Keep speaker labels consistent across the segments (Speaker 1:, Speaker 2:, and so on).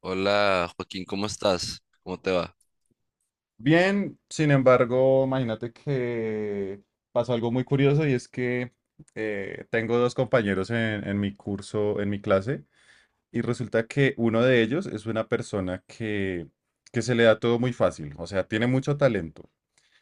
Speaker 1: Hola Joaquín, ¿cómo estás? ¿Cómo te va?
Speaker 2: Bien, sin embargo, imagínate que pasó algo muy curioso y es que tengo dos compañeros en mi curso, en mi clase, y resulta que uno de ellos es una persona que se le da todo muy fácil, o sea, tiene mucho talento.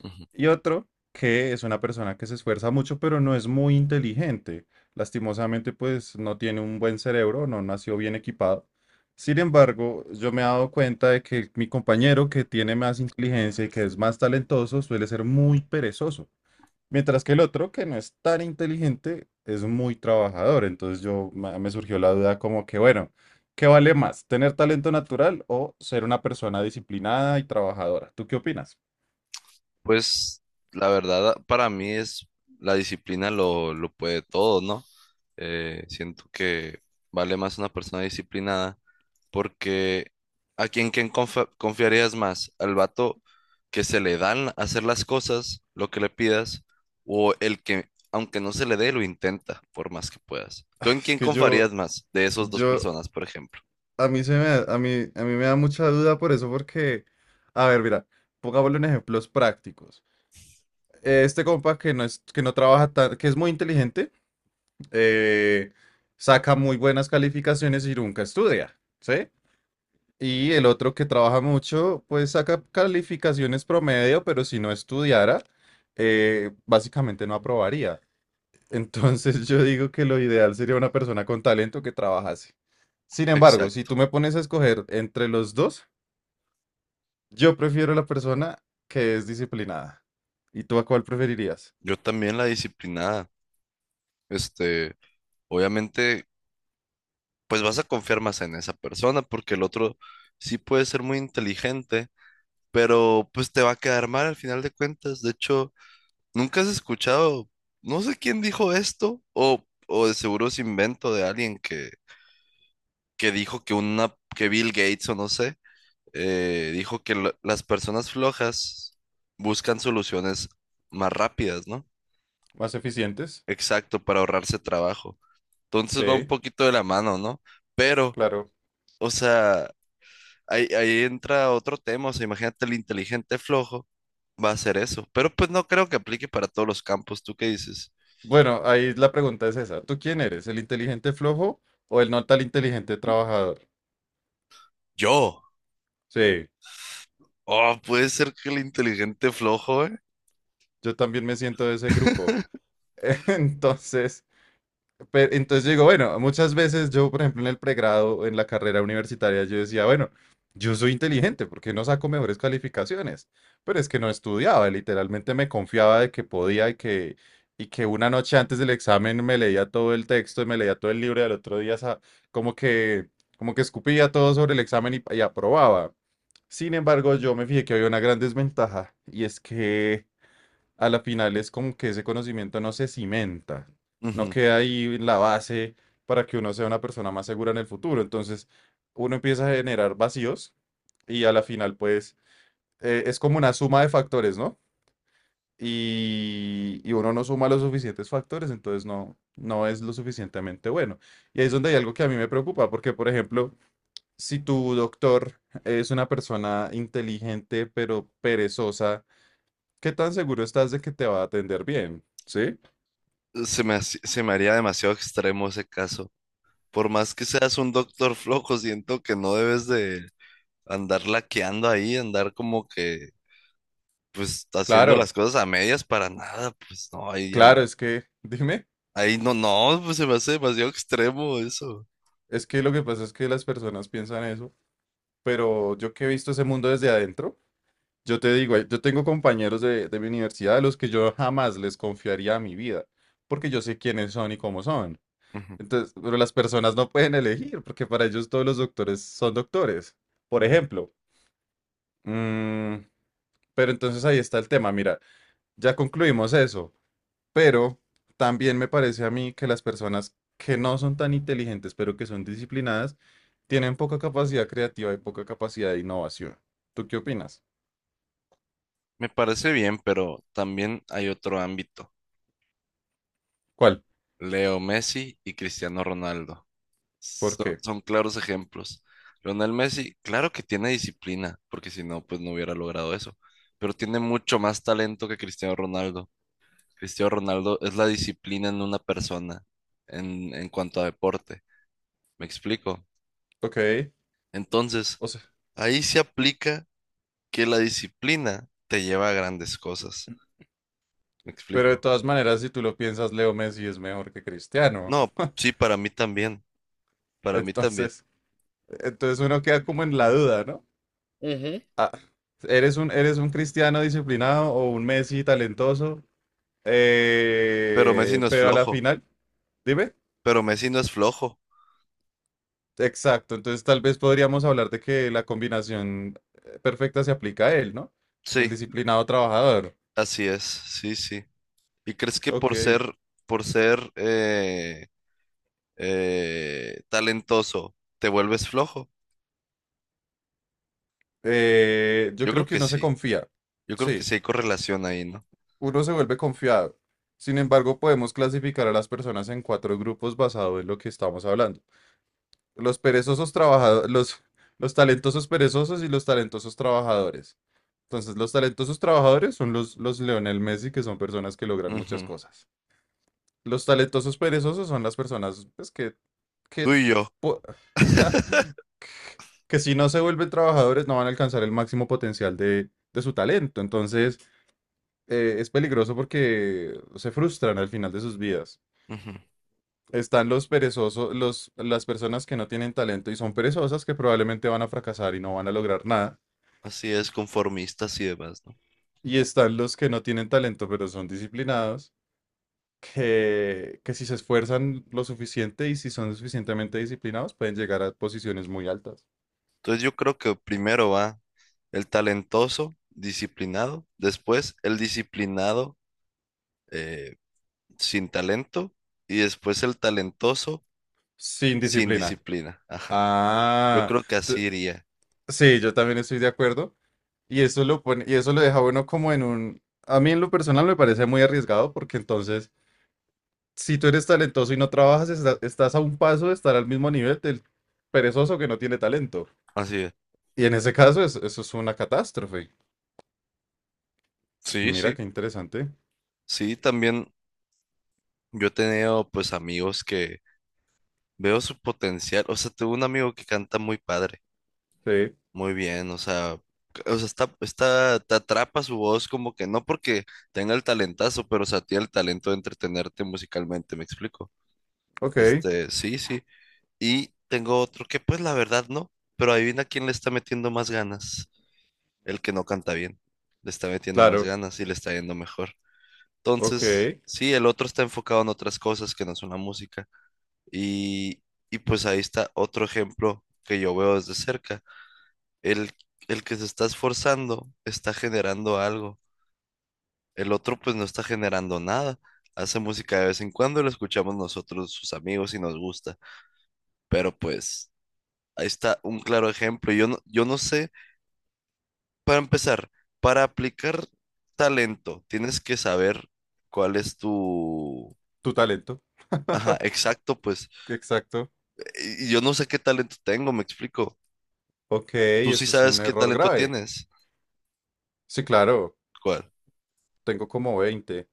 Speaker 1: Ujú.
Speaker 2: Y otro que es una persona que se esfuerza mucho, pero no es muy inteligente. Lastimosamente, pues no tiene un buen cerebro, no nació bien equipado. Sin embargo, yo me he dado cuenta de que mi compañero que tiene más inteligencia y que es más talentoso suele ser muy perezoso, mientras que el otro que no es tan inteligente es muy trabajador. Entonces me surgió la duda como que, bueno, ¿qué vale más? ¿Tener talento natural o ser una persona disciplinada y trabajadora? ¿Tú qué opinas?
Speaker 1: Pues la verdad para mí es la disciplina lo puede todo, ¿no? Siento que vale más una persona disciplinada porque ¿a confiarías más? ¿Al vato que se le dan hacer las cosas, lo que le pidas, o el que aunque no se le dé, lo intenta por más que puedas? ¿Tú
Speaker 2: Ah,
Speaker 1: en
Speaker 2: es
Speaker 1: quién
Speaker 2: que
Speaker 1: confiarías
Speaker 2: yo,
Speaker 1: más de esas dos
Speaker 2: Yo,
Speaker 1: personas, por ejemplo?
Speaker 2: a mí me da mucha duda por eso, porque, a ver, mira, pongámosle en ejemplos prácticos. Este compa que no es, que no trabaja tan, que es muy inteligente, eh, saca muy buenas calificaciones y nunca estudia, ¿sí? Y el otro que trabaja mucho, pues saca calificaciones promedio, pero si no estudiara, básicamente no aprobaría. Entonces yo digo que lo ideal sería una persona con talento que trabajase. Sin embargo, si
Speaker 1: Exacto.
Speaker 2: tú me pones a escoger entre los dos, yo prefiero la persona que es disciplinada. ¿Y tú a cuál preferirías?
Speaker 1: Yo también la disciplinada. este, Obviamente, pues vas a confiar más en esa persona porque el otro sí puede ser muy inteligente, pero pues te va a quedar mal al final de cuentas. De hecho, ¿nunca has escuchado? No sé quién dijo esto, o de seguro es invento de alguien que dijo que una, que Bill Gates o no sé, dijo que las personas flojas buscan soluciones más rápidas, ¿no?
Speaker 2: ¿Más eficientes?
Speaker 1: Exacto, para ahorrarse trabajo. Entonces va un
Speaker 2: Sí,
Speaker 1: poquito de la mano, ¿no? Pero
Speaker 2: claro.
Speaker 1: o sea, ahí entra otro tema. O sea, imagínate el inteligente flojo va a hacer eso. Pero pues no creo que aplique para todos los campos. ¿Tú qué dices?
Speaker 2: Bueno, ahí la pregunta es esa. ¿Tú quién eres? ¿El inteligente flojo o el no tan inteligente trabajador?
Speaker 1: Yo.
Speaker 2: Sí,
Speaker 1: Oh, puede ser que el inteligente flojo, ¿eh?
Speaker 2: yo también me siento de ese grupo. Entonces, entonces yo digo, bueno, muchas veces yo, por ejemplo, en el pregrado, en la carrera universitaria, yo decía, bueno, yo soy inteligente, ¿por qué no saco mejores calificaciones? Pero es que no estudiaba, literalmente me confiaba de que podía y que una noche antes del examen me leía todo el texto y me leía todo el libro y al otro día como que, como que escupía todo sobre el examen y aprobaba. Sin embargo, yo me fijé que había una gran desventaja y es que a la final es como que ese conocimiento no se cimenta, no
Speaker 1: Ujú.
Speaker 2: queda ahí la base para que uno sea una persona más segura en el futuro. Entonces, uno empieza a generar vacíos y a la final, pues, es como una suma de factores, ¿no? Y uno no suma los suficientes factores, entonces no es lo suficientemente bueno. Y ahí es donde hay algo que a mí me preocupa, porque, por ejemplo, si tu doctor es una persona inteligente pero perezosa, ¿qué tan seguro estás de que te va a atender bien? ¿Sí?
Speaker 1: Se me haría demasiado extremo ese caso. Por más que seas un doctor flojo, siento que no debes de andar laqueando ahí, andar como que, pues, haciendo
Speaker 2: Claro,
Speaker 1: las cosas a medias para nada. Pues no, ahí ya no.
Speaker 2: claro, es que, dime,
Speaker 1: Ahí no, no, pues se me hace demasiado extremo eso.
Speaker 2: es que lo que pasa es que las personas piensan eso, pero yo que he visto ese mundo desde adentro, yo te digo, yo tengo compañeros de mi universidad a los que yo jamás les confiaría mi vida, porque yo sé quiénes son y cómo son.
Speaker 1: Ujú,
Speaker 2: Entonces, pero las personas no pueden elegir, porque para ellos todos los doctores son doctores, por
Speaker 1: ujú.
Speaker 2: ejemplo. Mm, pero entonces ahí está el tema, mira, ya concluimos eso. Pero también me parece a mí que las personas que no son tan inteligentes, pero que son disciplinadas, tienen poca capacidad creativa y poca capacidad de innovación. ¿Tú qué opinas?
Speaker 1: Me parece bien, pero también hay otro ámbito.
Speaker 2: ¿Cuál?
Speaker 1: Leo Messi y Cristiano Ronaldo.
Speaker 2: ¿Por qué?
Speaker 1: Son claros ejemplos. Lionel Messi, claro que tiene disciplina, porque si no, pues no hubiera logrado eso. Pero tiene mucho más talento que Cristiano Ronaldo. Cristiano Ronaldo es la disciplina en una persona en cuanto a deporte. ¿Me explico?
Speaker 2: Ok,
Speaker 1: Entonces,
Speaker 2: o sea,
Speaker 1: ahí se aplica que la disciplina te lleva a grandes cosas. ¿Me
Speaker 2: pero de
Speaker 1: explico?
Speaker 2: todas maneras, si tú lo piensas, Leo Messi es mejor que Cristiano.
Speaker 1: No, sí, para mí también, para mí también.
Speaker 2: Entonces, entonces uno queda como en la duda, ¿no?
Speaker 1: Ujú.
Speaker 2: Ah, eres un cristiano disciplinado o un Messi talentoso?
Speaker 1: Pero Messi no es
Speaker 2: Pero a la
Speaker 1: flojo,
Speaker 2: final, dime.
Speaker 1: pero Messi no es flojo.
Speaker 2: Exacto, entonces tal vez podríamos hablar de que la combinación perfecta se aplica a él, ¿no? El
Speaker 1: Sí,
Speaker 2: disciplinado trabajador.
Speaker 1: así es, sí, sí. ¿Y crees que
Speaker 2: Ok.
Speaker 1: por ser talentoso te vuelves flojo?
Speaker 2: Yo
Speaker 1: Yo
Speaker 2: creo
Speaker 1: creo
Speaker 2: que
Speaker 1: que
Speaker 2: uno se
Speaker 1: sí,
Speaker 2: confía.
Speaker 1: yo creo que
Speaker 2: Sí,
Speaker 1: sí hay correlación ahí, ¿no?
Speaker 2: uno se vuelve confiado. Sin embargo, podemos clasificar a las personas en cuatro grupos basado en lo que estamos hablando. Los perezosos trabajadores, los talentosos perezosos y los talentosos trabajadores. Entonces, los talentosos trabajadores son los Lionel Messi, que son personas que logran muchas
Speaker 1: Ujú.
Speaker 2: cosas. Los talentosos perezosos son las personas pues, que,
Speaker 1: Tú
Speaker 2: que,
Speaker 1: y yo,
Speaker 2: po- que si no se vuelven trabajadores no van a alcanzar el máximo potencial de su talento. Entonces es peligroso porque se frustran al final de sus vidas.
Speaker 1: ujú.
Speaker 2: Están los perezosos, las personas que no tienen talento y son perezosas que probablemente van a fracasar y no van a lograr nada.
Speaker 1: Así es, conformistas y demás, ¿no?
Speaker 2: Y están los que no tienen talento pero son disciplinados, que si se esfuerzan lo suficiente y si son suficientemente disciplinados pueden llegar a posiciones muy altas.
Speaker 1: Entonces yo creo que primero va el talentoso, disciplinado, después el disciplinado eh, sin talento y después el talentoso
Speaker 2: Sin
Speaker 1: sin
Speaker 2: disciplina.
Speaker 1: disciplina. Ajá. Yo
Speaker 2: Ah,
Speaker 1: creo que
Speaker 2: t-
Speaker 1: así iría.
Speaker 2: sí, yo también estoy de acuerdo. Y eso lo pone, y eso lo deja bueno como en un. A mí en lo personal me parece muy arriesgado porque entonces, si tú eres talentoso y no trabajas, estás a un paso de estar al mismo nivel del perezoso que no tiene talento.
Speaker 1: Así es.
Speaker 2: Y en ese caso, eso es una catástrofe.
Speaker 1: Sí,
Speaker 2: Mira
Speaker 1: sí.
Speaker 2: qué interesante.
Speaker 1: Sí, también yo he tenido pues amigos que veo su potencial. O sea, tengo un amigo que canta muy padre.
Speaker 2: Sí,
Speaker 1: Muy bien, o sea, o sea, te atrapa su voz como que no porque tenga el talentazo, pero o sea, tiene el talento de entretenerte musicalmente, ¿me explico?
Speaker 2: ok,
Speaker 1: Este, sí, sí. Y tengo otro que pues la verdad no, pero adivina quién le está metiendo más ganas, el que no canta bien, le está metiendo más
Speaker 2: claro,
Speaker 1: ganas y le está yendo mejor.
Speaker 2: ok.
Speaker 1: Entonces, sí, el otro está enfocado en otras cosas que no son la música. Y, y pues ahí está otro ejemplo que yo veo desde cerca. El, el que se está esforzando está generando algo. El otro pues no está generando nada. Hace música de vez en cuando, lo escuchamos nosotros, sus amigos, y nos gusta. Pero pues ahí está un claro ejemplo. Yo no sé, para empezar, para aplicar talento, tienes que saber cuál es tu...
Speaker 2: Tu talento,
Speaker 1: Ajá, exacto, pues.
Speaker 2: exacto.
Speaker 1: Yo no sé qué talento tengo, me explico.
Speaker 2: Ok,
Speaker 1: Tú sí
Speaker 2: eso es un
Speaker 1: sabes qué
Speaker 2: error
Speaker 1: talento
Speaker 2: grave.
Speaker 1: tienes.
Speaker 2: Sí, claro.
Speaker 1: ¿Cuál?
Speaker 2: Tengo como 20.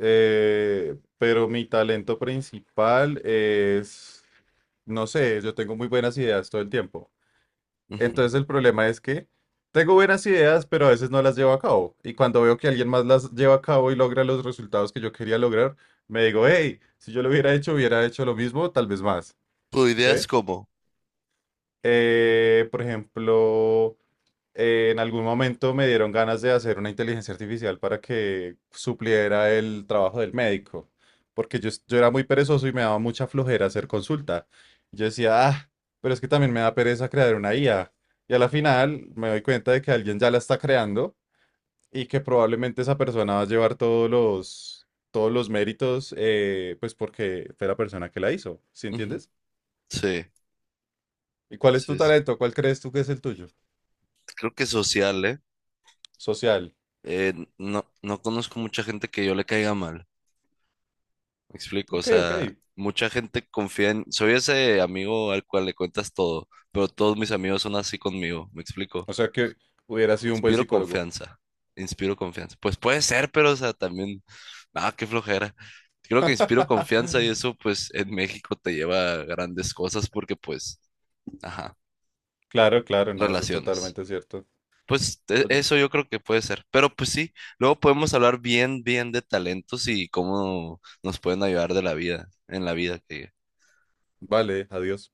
Speaker 2: Pero mi talento principal es, no sé, yo tengo muy buenas ideas todo el tiempo.
Speaker 1: Ujú.
Speaker 2: Entonces el problema es que tengo buenas ideas, pero a veces no las llevo a cabo. Y cuando veo que alguien más las lleva a cabo y logra los resultados que yo quería lograr, me digo, hey, si yo lo hubiera hecho lo mismo, tal vez más.
Speaker 1: Tu idea
Speaker 2: ¿Sí?
Speaker 1: es cómo.
Speaker 2: Por ejemplo en algún momento me dieron ganas de hacer una inteligencia artificial para que supliera el trabajo del médico, porque yo era muy perezoso y me daba mucha flojera hacer consulta. Yo decía, ah, pero es que también me da pereza crear una IA. Y a la final me doy cuenta de que alguien ya la está creando y que probablemente esa persona va a llevar todos los méritos, pues porque fue la persona que la hizo, ¿sí
Speaker 1: Ujú.
Speaker 2: entiendes?
Speaker 1: Sí,
Speaker 2: ¿Y cuál es tu
Speaker 1: sí, sí.
Speaker 2: talento? ¿Cuál crees tú que es el tuyo?
Speaker 1: Creo que social, ¿eh?
Speaker 2: Social.
Speaker 1: No, no conozco mucha gente que yo le caiga mal. Me explico, o
Speaker 2: Ok, ok.
Speaker 1: sea, mucha gente confía en... Soy ese amigo al cual le cuentas todo, pero todos mis amigos son así conmigo. Me explico.
Speaker 2: O sea que hubiera sido un buen
Speaker 1: Inspiro
Speaker 2: psicólogo.
Speaker 1: confianza. Inspiro confianza. Pues puede ser, pero, o sea, también... Ah, qué flojera. Creo que inspiro confianza y eso, pues, en México te lleva a grandes cosas porque, pues, ajá,
Speaker 2: Claro, claro, no, eso es
Speaker 1: relaciones.
Speaker 2: totalmente cierto.
Speaker 1: Pues
Speaker 2: Oye,
Speaker 1: eso yo creo que puede ser. Pero pues sí, luego podemos hablar bien, bien de talentos y cómo nos pueden ayudar de la vida, en la vida que
Speaker 2: vale, adiós.